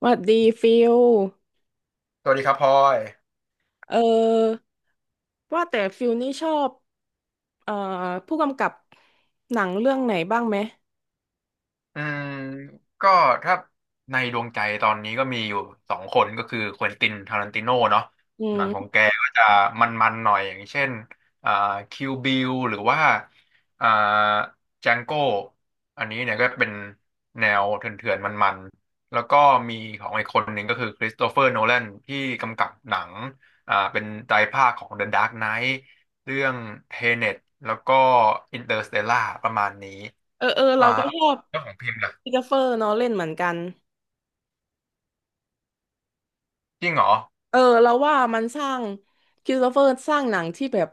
หวัดดีฟิลสวัสดีครับพลอยเออว่าแต่ฟิลนี่ชอบเอ่อผู้กำกับหนังเรื่องไหนบ้างไหมอืมก็ถ้าในดวงใจตอนนี้ก็มีอยู่สองคนก็คือควินตินทารันติโน่เนาะอืหนังของมแกก็จะมันๆหน่อยอย่างเช่นอ่าคิวบิลหรือว่าอ่าจังโก้อันนี้เนี่ยก็เป็นแนวเถื่อนๆมันๆ แล้วก็มีของอีกคนหนึ่งก็คือคริสโตเฟอร์โนแลนที่กำกับหนังเป็นไตรภาคของ The Dark Knight เรื่อง Tenet แล้วก็ Interstellar ประมาณนี้ เออเอออ่าเราก็ชอบแล้วของพิมพ์ล่ะคริสโตเฟอร์เนาะเล่นเหมือนกันจริงเหรอเออเราว่ามันสร้างคริสโตเฟอร์สร้างหนังที่แบบ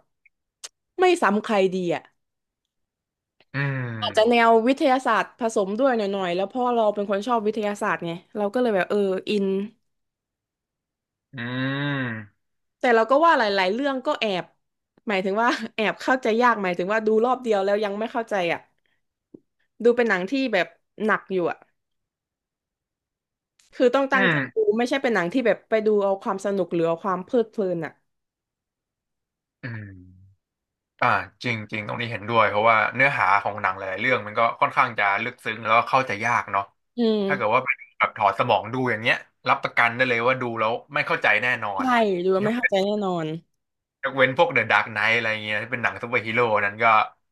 ไม่ซ้ำใครดีอ่ะอือาจจะแนมววิทยาศาสตร์ผสมด้วยหน่อยๆแล้วเพราะเราเป็นคนชอบวิทยาศาสตร์ไงเราก็เลยแบบเอออินอืมแต่เราก็ว่าหลายๆเรื่องก็แอบหมายถึงว่า แอบเข้าใจยากหมายถึงว่าดูรอบเดียวแล้วยังไม่เข้าใจอ่ะ ดูเป็นหนังที่แบบหนักอยู่อ่ะ คือต้องอืตั้งใจมดูไม่ใช่เป็นหนังที่แบบไปดูเอาความสนุกหรือเอาความเพลิดเพลินอ่ะอืมอ่าจริงจริงตรงนี้เห็นด้วยเพราะว่าเนื้อหาของหนังหลายๆเรื่องมันก็ค่อนข้างจะลึกซึ้งแล้วก็เข้าใจยากเนาะอืมถ้าเกิดว่าเป็นแบบถอดสมองดูอย่างเงี้ยรับประกันได้เลยว่าดูแล้วไม่เข้าใจแน่นอน ใช่ดูแล้วไม่เข้าใจแน่นอน ยกเว้นพวกเดอะดาร์กไนท์อะไรเงี้ยที่เป็นหนังซูเปอร์ฮีโร่นั้นก็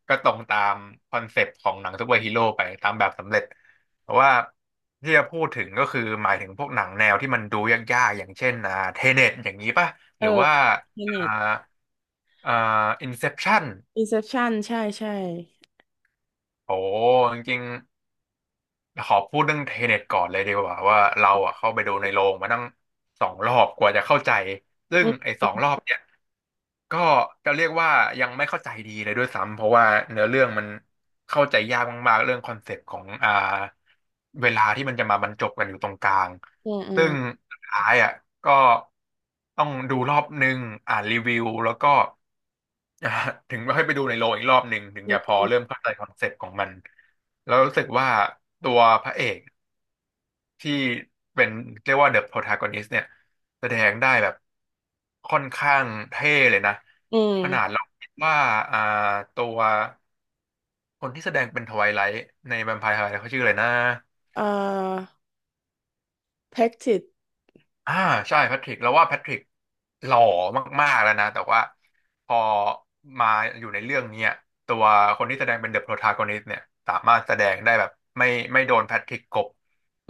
ก็ตรงตามคอนเซปต์ของหนังซูเปอร์ฮีโร่ไปตามแบบสำเร็จแต่ว่าที่จะพูดถึงก็คือหมายถึงพวกหนังแนวที่มันดูยากๆอย่างเช่นเทเน็ตอย่างนี้ป่ะเอหอรือว่าอ่าเน็ต อ่าอินเซปชั่น Inception ใช่ใช่โอ้จริงๆขอพูดเรื่องเทเน็ตก่อนเลยดีกว่าว่าเราอ่ะเข้าไปดูในโรงมาตั้งสองรอบกว่าจะเข้าใจซึ่อืงไอ้มสองรอบเนี่ย ก็จะเรียกว่ายังไม่เข้าใจดีเลยด้วยซ้ำเพราะว่าเนื้อเรื่องมันเข้าใจยากมากๆเรื่องคอนเซปต์ของเวลาที่มันจะมาบรรจบกันอยู่ตรงกลางอืมอืมซึ่งสุดท้ายอ่ะก็ต้องดูรอบหนึ่งอ่านรีวิวแล้วก็ อ่าถึงค่อยไปดูในโรงอีกรอบหนึ่งถึงอืจะพอมเริ่มเข้าใจคอนเซปต์ของมันแล้วรู้สึกว่าตัวพระเอก ที่เป็นเรียกว่าเดอะโ o ร a ากอนิส t เนี่ยแสดงได้แบบค่อนข้างเท่เลยนะอืมขนาดเราคิดว่าอ่าตัวคนที่แสดงเป็นทไวไลท์ในแวมไพร์ไฮไลท์เขาชื่ออะไรนะเอ่อ Practice อ่าใช่แพทริกเราว่าแพทริกหล่อมากๆแล้วนะแต่ว่าพอมาอยู่ในเรื่องเนี้ยตัวคนที่แสดงเป็นเดอะโ o ร a ากอนิส t เนี่ยสามารถแสดงได้แบบไม่ไม่โดนแพทริกกลบ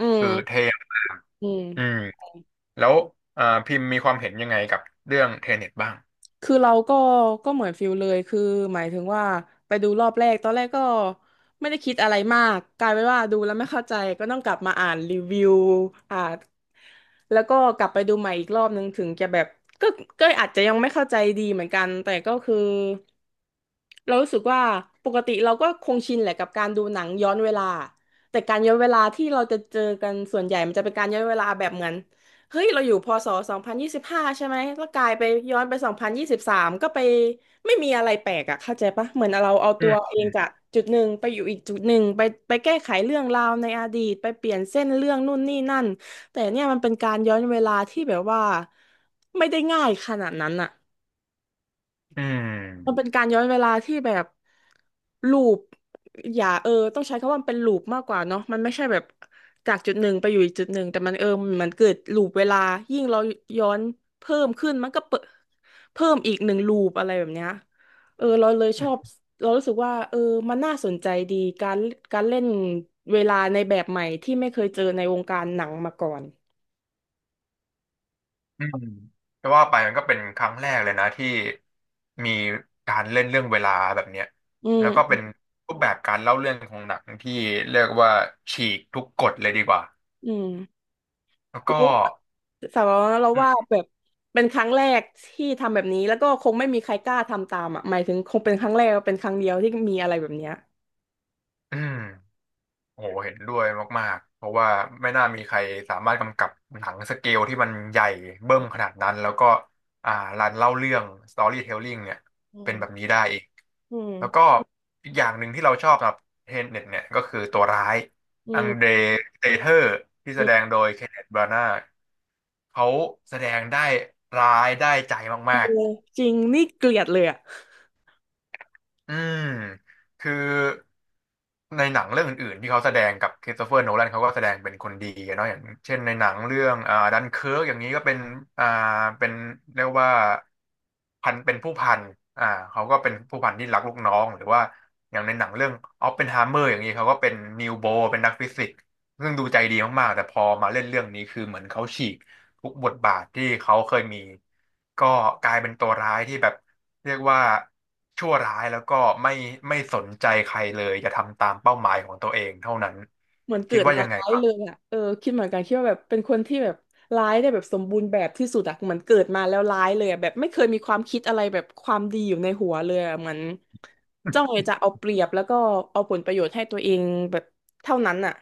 อืคืมอเท่มากอืม อืม แล้วพิมพ์มีความเห็นยังไงกับเรื่องเทเน็ตบ้างคือเราก็เหมือนฟิลเลยคือหมายถึงว่าไปดูรอบแรกตอนแรกก็ไม่ได้คิดอะไรมากกลายเป็นว่าดูแล้วไม่เข้าใจก็ต้องกลับมาอ่านรีวิวอ่านแล้วก็กลับไปดูใหม่อีกรอบนึงถึงจะแบบก็อาจจะยังไม่เข้าใจดีเหมือนกันแต่ก็คือเรารู้สึกว่าปกติเราก็คงชินแหละกับการดูหนังย้อนเวลาแต่การย้อนเวลาที่เราจะเจอกันส่วนใหญ่มันจะเป็นการย้อนเวลาแบบเหมือน เฮ้ยเราอยู่พศ2025ใช่ไหมแล้วกลายไปย้อนไป2023ก็ไปไม่มีอะไรแปลกอะเข้าใจปะเหมือนเราเอาอืตัวเอมงจากจุดหนึ่งไปอยู่อีกจุดหนึ่งไปแก้ไขเรื่องราวในอดีตไปเปลี่ยนเส้นเรื่องนู่นนี่นั่นแต่เนี่ยมันเป็นการย้อนเวลาที่แบบว่าไม่ได้ง่ายขนาดนั้นอะ อืมันเป็มนการย้อนเวลาที่แบบลูปอย่าเออต้องใช้คำว่ามันเป็นลูปมากกว่าเนาะมันไม่ใช่แบบจากจุดหนึ่งไปอยู่อีกจุดหนึ่งแต่มันเออมันเกิดลูปเวลายิ่งเราย้อนเพิ่มขึ้นมันก็เพิ่มอีกหนึ่งลูปอะไรแบบเนี้ยเออเราเลยชอบเรารู้สึกว่าเออมันน่าสนใจดีการการเล่นเวลาในแบบใหม่ที่ไม่เคยเจอในวงการหนังมาก่อนอืมจะว่าไปมันก็เป็นครั้งแรกเลยนะที่มีการเล่นเรื่องเวลาแบบเนี้ยอืแล้วก็เป็มนรูปแบบการเล่าเรื่องของหนังที่เรียกว่าฉีกทุกกฎเลยดีกว่าอืมแล้วแล้ก็ว สำหรับเรานะเราอืว่ามแบบเป็นครั้งแรกที่ทำแบบนี้แล้วก็คงไม่มีใครกล้าทำตามอ่ะหมายถึงคงเป็นครั้งแรกเป็นครั้งเดียวที่มีอะไรแบบเนี้ยอืม โอ้โหเห็นด้วยมากๆ เพราะว่าไม่น่ามีใครสามารถกำกับหนังสเกลที่มันใหญ่เบิ้มขนาดนั้นแล้วก็อ่ารันเล่าเรื่อง storytelling เนี่ยอืเป็นแบมบนี้ได้อีกอืมแล้วก็อีกอย่างหนึ่งที่เราชอบสำหรับเทนเน็ตเนี่ยก็คือตัวร้ายอือังเดรมเตเทอร์ที่อืแสดงมโดยเคนเนธบรานาเขาแสดงได้ร้ายได้ใจเออมากๆ จริงนี่เกลียดเลยอ่ะอืมคือในหนังเรื่องอื่นๆที่เขาแสดงกับคริสโตเฟอร์โนแลนเขาก็แสดงเป็นคนดีอะเนาะอย่างเช่นในหนังเรื่องดันเคิร์กอย่างนี้ก็เป็นอ่าเป็นเรียกว่าพันเป็นผู้พันอ่าเขาก็เป็นผู้พันที่รักลูกน้องหรือว่าอย่างในหนังเรื่องออปเพนไฮเมอร์อย่างนี้เขาก็เป็นนิวโบเป็นนักฟิสิกส์ซึ่งดูใจดีมากๆแต่พอมาเล่นเรื่องนี้คือเหมือนเขาฉีก ทุกบทบาทที่เขาเคยมีก็กลายเป็นตัวร้ายที่แบบเรียกว่าชั่วร้ายแล้วก็ไม่ไม่สนใจใครเลยจะทำตามเป้าหมายของตัวเองเท่านั้นเหมือนเกิคิดดว่ามายังไงร้ายบ้างเลยอ่ะเออคิดเหมือนกันคิดว่าแบบเป็นคนที่แบบร้ายได้แบบสมบูรณ์แบบที่สุดอ่ะเหมือนเกิดมาแล้วร้ายเลยอะแบบไม่เคยมีความคิดอะไรแบบความดีอยู่ในหัวเลยอะเหมือนจ้องจะเอาเปรียบแล้วก็เอาผลประโยชน์ให้ตัวเองแบบเท่านั้นอ่ะ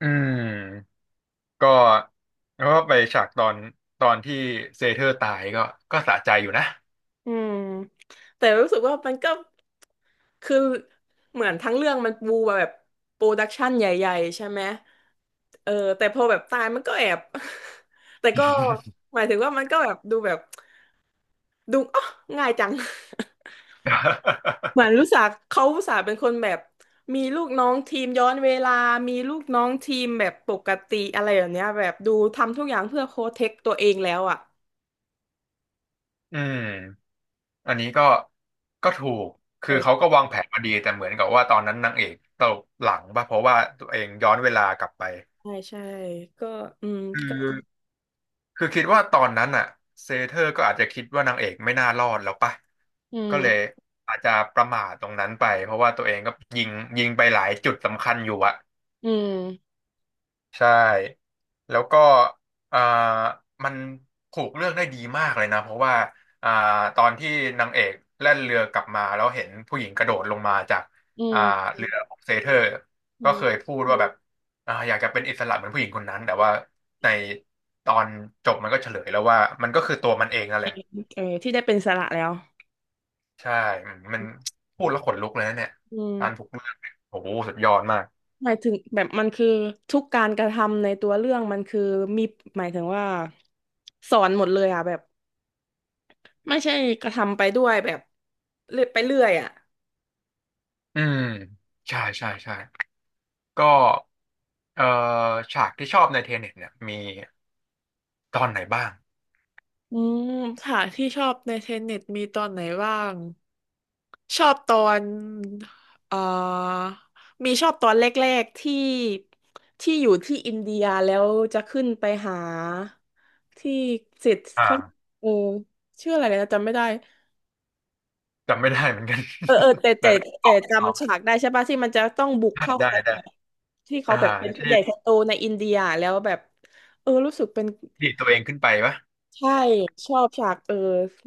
อืมก็แล้วก็ไปฉากตอนที่เซเธอร์ตายก็ก็สะใจอยู่นะ อืมแต่รู้สึกว่ามันก็คือเหมือนทั้งเรื่องมันปูมาแบบโปรดักชันใหญ่ๆใช่ไหมเออแต่พอแบบตายมันก็แอบ แต่ก็หมายถึงว่ามันก็แบบดูแบบดูอ๋อง่ายจัง เหมือน รู้สึกเขาอุตส่าห์เป็นคนแบบมีลูกน้องทีมย้อนเวลา มีลูกน้องทีมแบบปกติอะไรแบบเนี้ยแบบดูทำทุกอย่างเพื่อโปรเทคตัวเองแล้วอ่ะอืมอันนี้ก็ถูกคือเขาเออก็วางแผนมาดีแต่เหมือนกับว่าตอนนั้นนางเอกตกหลังป่ะเพราะว่าตัวเองย้อนเวลากลับไปใช่ใช่ก็อืมคือ ก็คือคิดว่าตอนนั้นอ่ะเซเธอร์ก็อาจจะคิดว่านางเอกไม่น่ารอดแล้วปะอืก็เลยมอาจจะประมาทตรงนั้นไปเพราะว่าตัวเองก็ยิงยิงไปหลายจุดสำคัญอยู่อะ อืม ใช่แล้วก็อ่ามันผูกเรื่องได้ดีมากเลยนะเพราะว่าอ่าตอนที่นางเอกแล่นเรือกลับมาแล้วเห็นผู้หญิงกระโดดลงมาจากอือ่ามเรือของเซเทอร์อืก็เคยมพูดว่าแบบอยากจะเป็นอิสระเหมือนผู้หญิงคนนั้นแต่ว่าในตอนจบมันก็เฉลยแล้วว่ามันก็คือตัวมันเองนั่นแหละเออที่ได้เป็นอิสระแล้วใช่อืมมันพูดแล้วขนลุกเลยนะเนี่ยอืมการผูกเรื่องเนี่ยโอ้โหสุดยอดมากหมายถึงแบบมันคือทุกการกระทำในตัวเรื่องมันคือมีหมายถึงว่าสอนหมดเลยอ่ะแบบไม่ใช่กระทำไปด้วยแบบเรื่อยไปเรื่อยอ่ะ อืมใช่ใช่ใช่ ก็เอ่อฉากที่ชอบในเทเน็ตเนี่ยมีตอนไหนบ้างอืมค่ะที่ชอบในเทนเน็ตมีตอนไหนบ้างชอบตอนเอ่อมีชอบตอนแรกๆที่ที่อยู่ที่อินเดียแล้วจะขึ้นไปหาที่เสร็จเขาอ่าเออชื่ออะไรนะจำไม่ได้จำไม่ได้เหมือนกัน เออเออแต่ แต่ แต่ ได้ตแต่อบตจำอ๋ฉากได้ใช่ปะที่มันจะต้องบุกอเข้าได้ไปได้แบบที่เขาอ่าแบบเป็นผู้ที่ใหญ่คนโตในอินเดียแล้วแบบเออรู้สึกเป็น ดีดตัวเองขึ้นไปปะใช่ชอบฉากเออ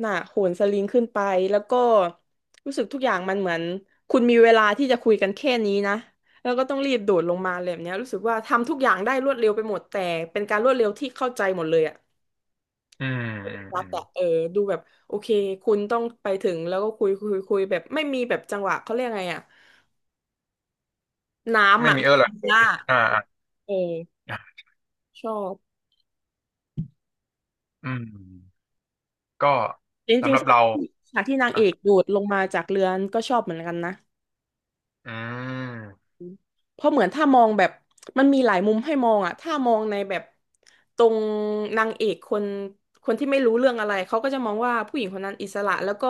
น่ะโหนสลิงขึ้นไปแล้วก็รู้สึกทุกอย่างมันเหมือนคุณมีเวลาที่จะคุยกันแค่นี้นะแล้วก็ต้องรีบโดดลงมาเลยแบบเนี้ยรู้สึกว่าทำทุกอย่างได้รวดเร็วไปหมดแต่เป็นการรวดเร็วที่เข้าใจหมดเลยอะอืมอืมรัอืกมอะเออดูแบบโอเคคุณต้องไปถึงแล้วก็คุยคุยคุยแบบไม่มีแบบจังหวะเขาเรียกไงอะน้ำไม่อะ มีเออร์หรอก ล่าอ่าอ่าเอออ่าชอบอืมก็จริสำงหรัๆบฉากเราที่นางอ่ะเอกโดดลงมาจากเรือนก็ชอบเหมือนกันนะ อืมเพราะเหมือนถ้ามองแบบมันมีหลายมุมให้มองอะถ้ามองในแบบตรงนางเอกคนคนที่ไม่รู้เรื่องอะไรเขาก็จะมองว่าผู้หญิงคนนั้นอิสระแล้วก็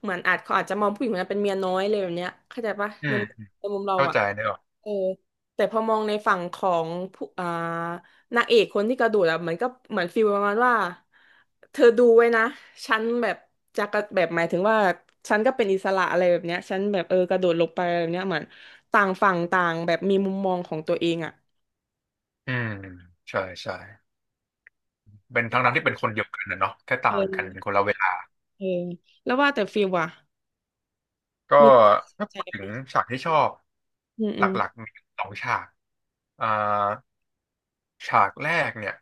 เหมือนอาจเขาอาจจะมองผู้หญิงคนนั้นเป็นเมียน้อยเลยแบบเนี้ยเข้าใจปะอืในมมุมเราเข้าอะใจได้หรออกเออแต่พอมองในฝั่งของผู้นางเอกคนที่กระโดดอะมันก็เหมือนฟีลประมาณว่าเธอดูไว้นะฉันแบบจะกระแบบหมายถึงว่าฉันก็เป็นอิสระอะไรแบบเนี้ยฉันแบบเออกระโดดลงไปอะไรแบบเนี้ยเหมือนต่างฝั่งต่างแบบมีมุมมองของตัวเองอะอืมใช่ใช่เป็นทั้งนั้นที่เป็นคนเดียวกันนะเนาะแค่เอต่างกันเป็นคนอละเวลา เออแล้วว่าแต่ฟีลว่ะก็มีถ้าใช่พูดไหถึมงฉากที่ชอบอืมหอืมลักๆมีสองฉากอ่าฉากแรกเนี่ย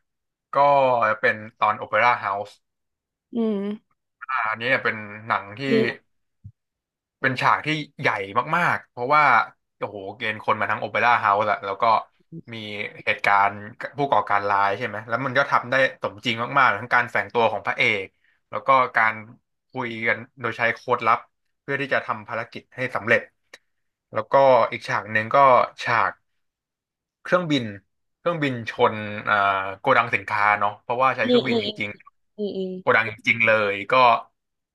ก็เป็นตอนโอเปร่าเฮาส์อืมอันนี้เนี่ยเป็นหนังที่ อืเป็นฉากที่ใหญ่มากๆ เพราะว่าโอ้โหเกณฑ์คนมาทั้งโอเปร่าเฮาส์อะแล้วก็มีเหตุการณ์ผู้ก่อการร้ายใช่ไหมแล้วมันก็ทำได้สมจริงมากๆทั้งการแฝงตัวของพระเอกแล้วก็การคุยกันโดยใช้โค้ดลับเพื่อที่จะทำภารกิจให้สำเร็จแล้วก็อีกฉากหนึ่งก็ฉาก เครื่องบินเครื่องบินชนอ่าโกดังสินค้าเนาะเพราะว่าใช้มอืเคมรื่องบิอืนมจริงอืมๆโกดังจริงๆเลยก็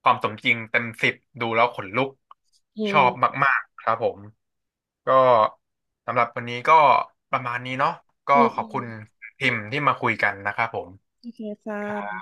ความสมจริงเต็ม10ดูแล้วขนลุกอืชมอบมากๆครับผมก็สำหรับวันนี้ก็ประมาณนี้เนาะก็อืมขอือบมอืมคุอืณมพิมพ์ที่มาคุยกันนะครับผมโอเคค่ะ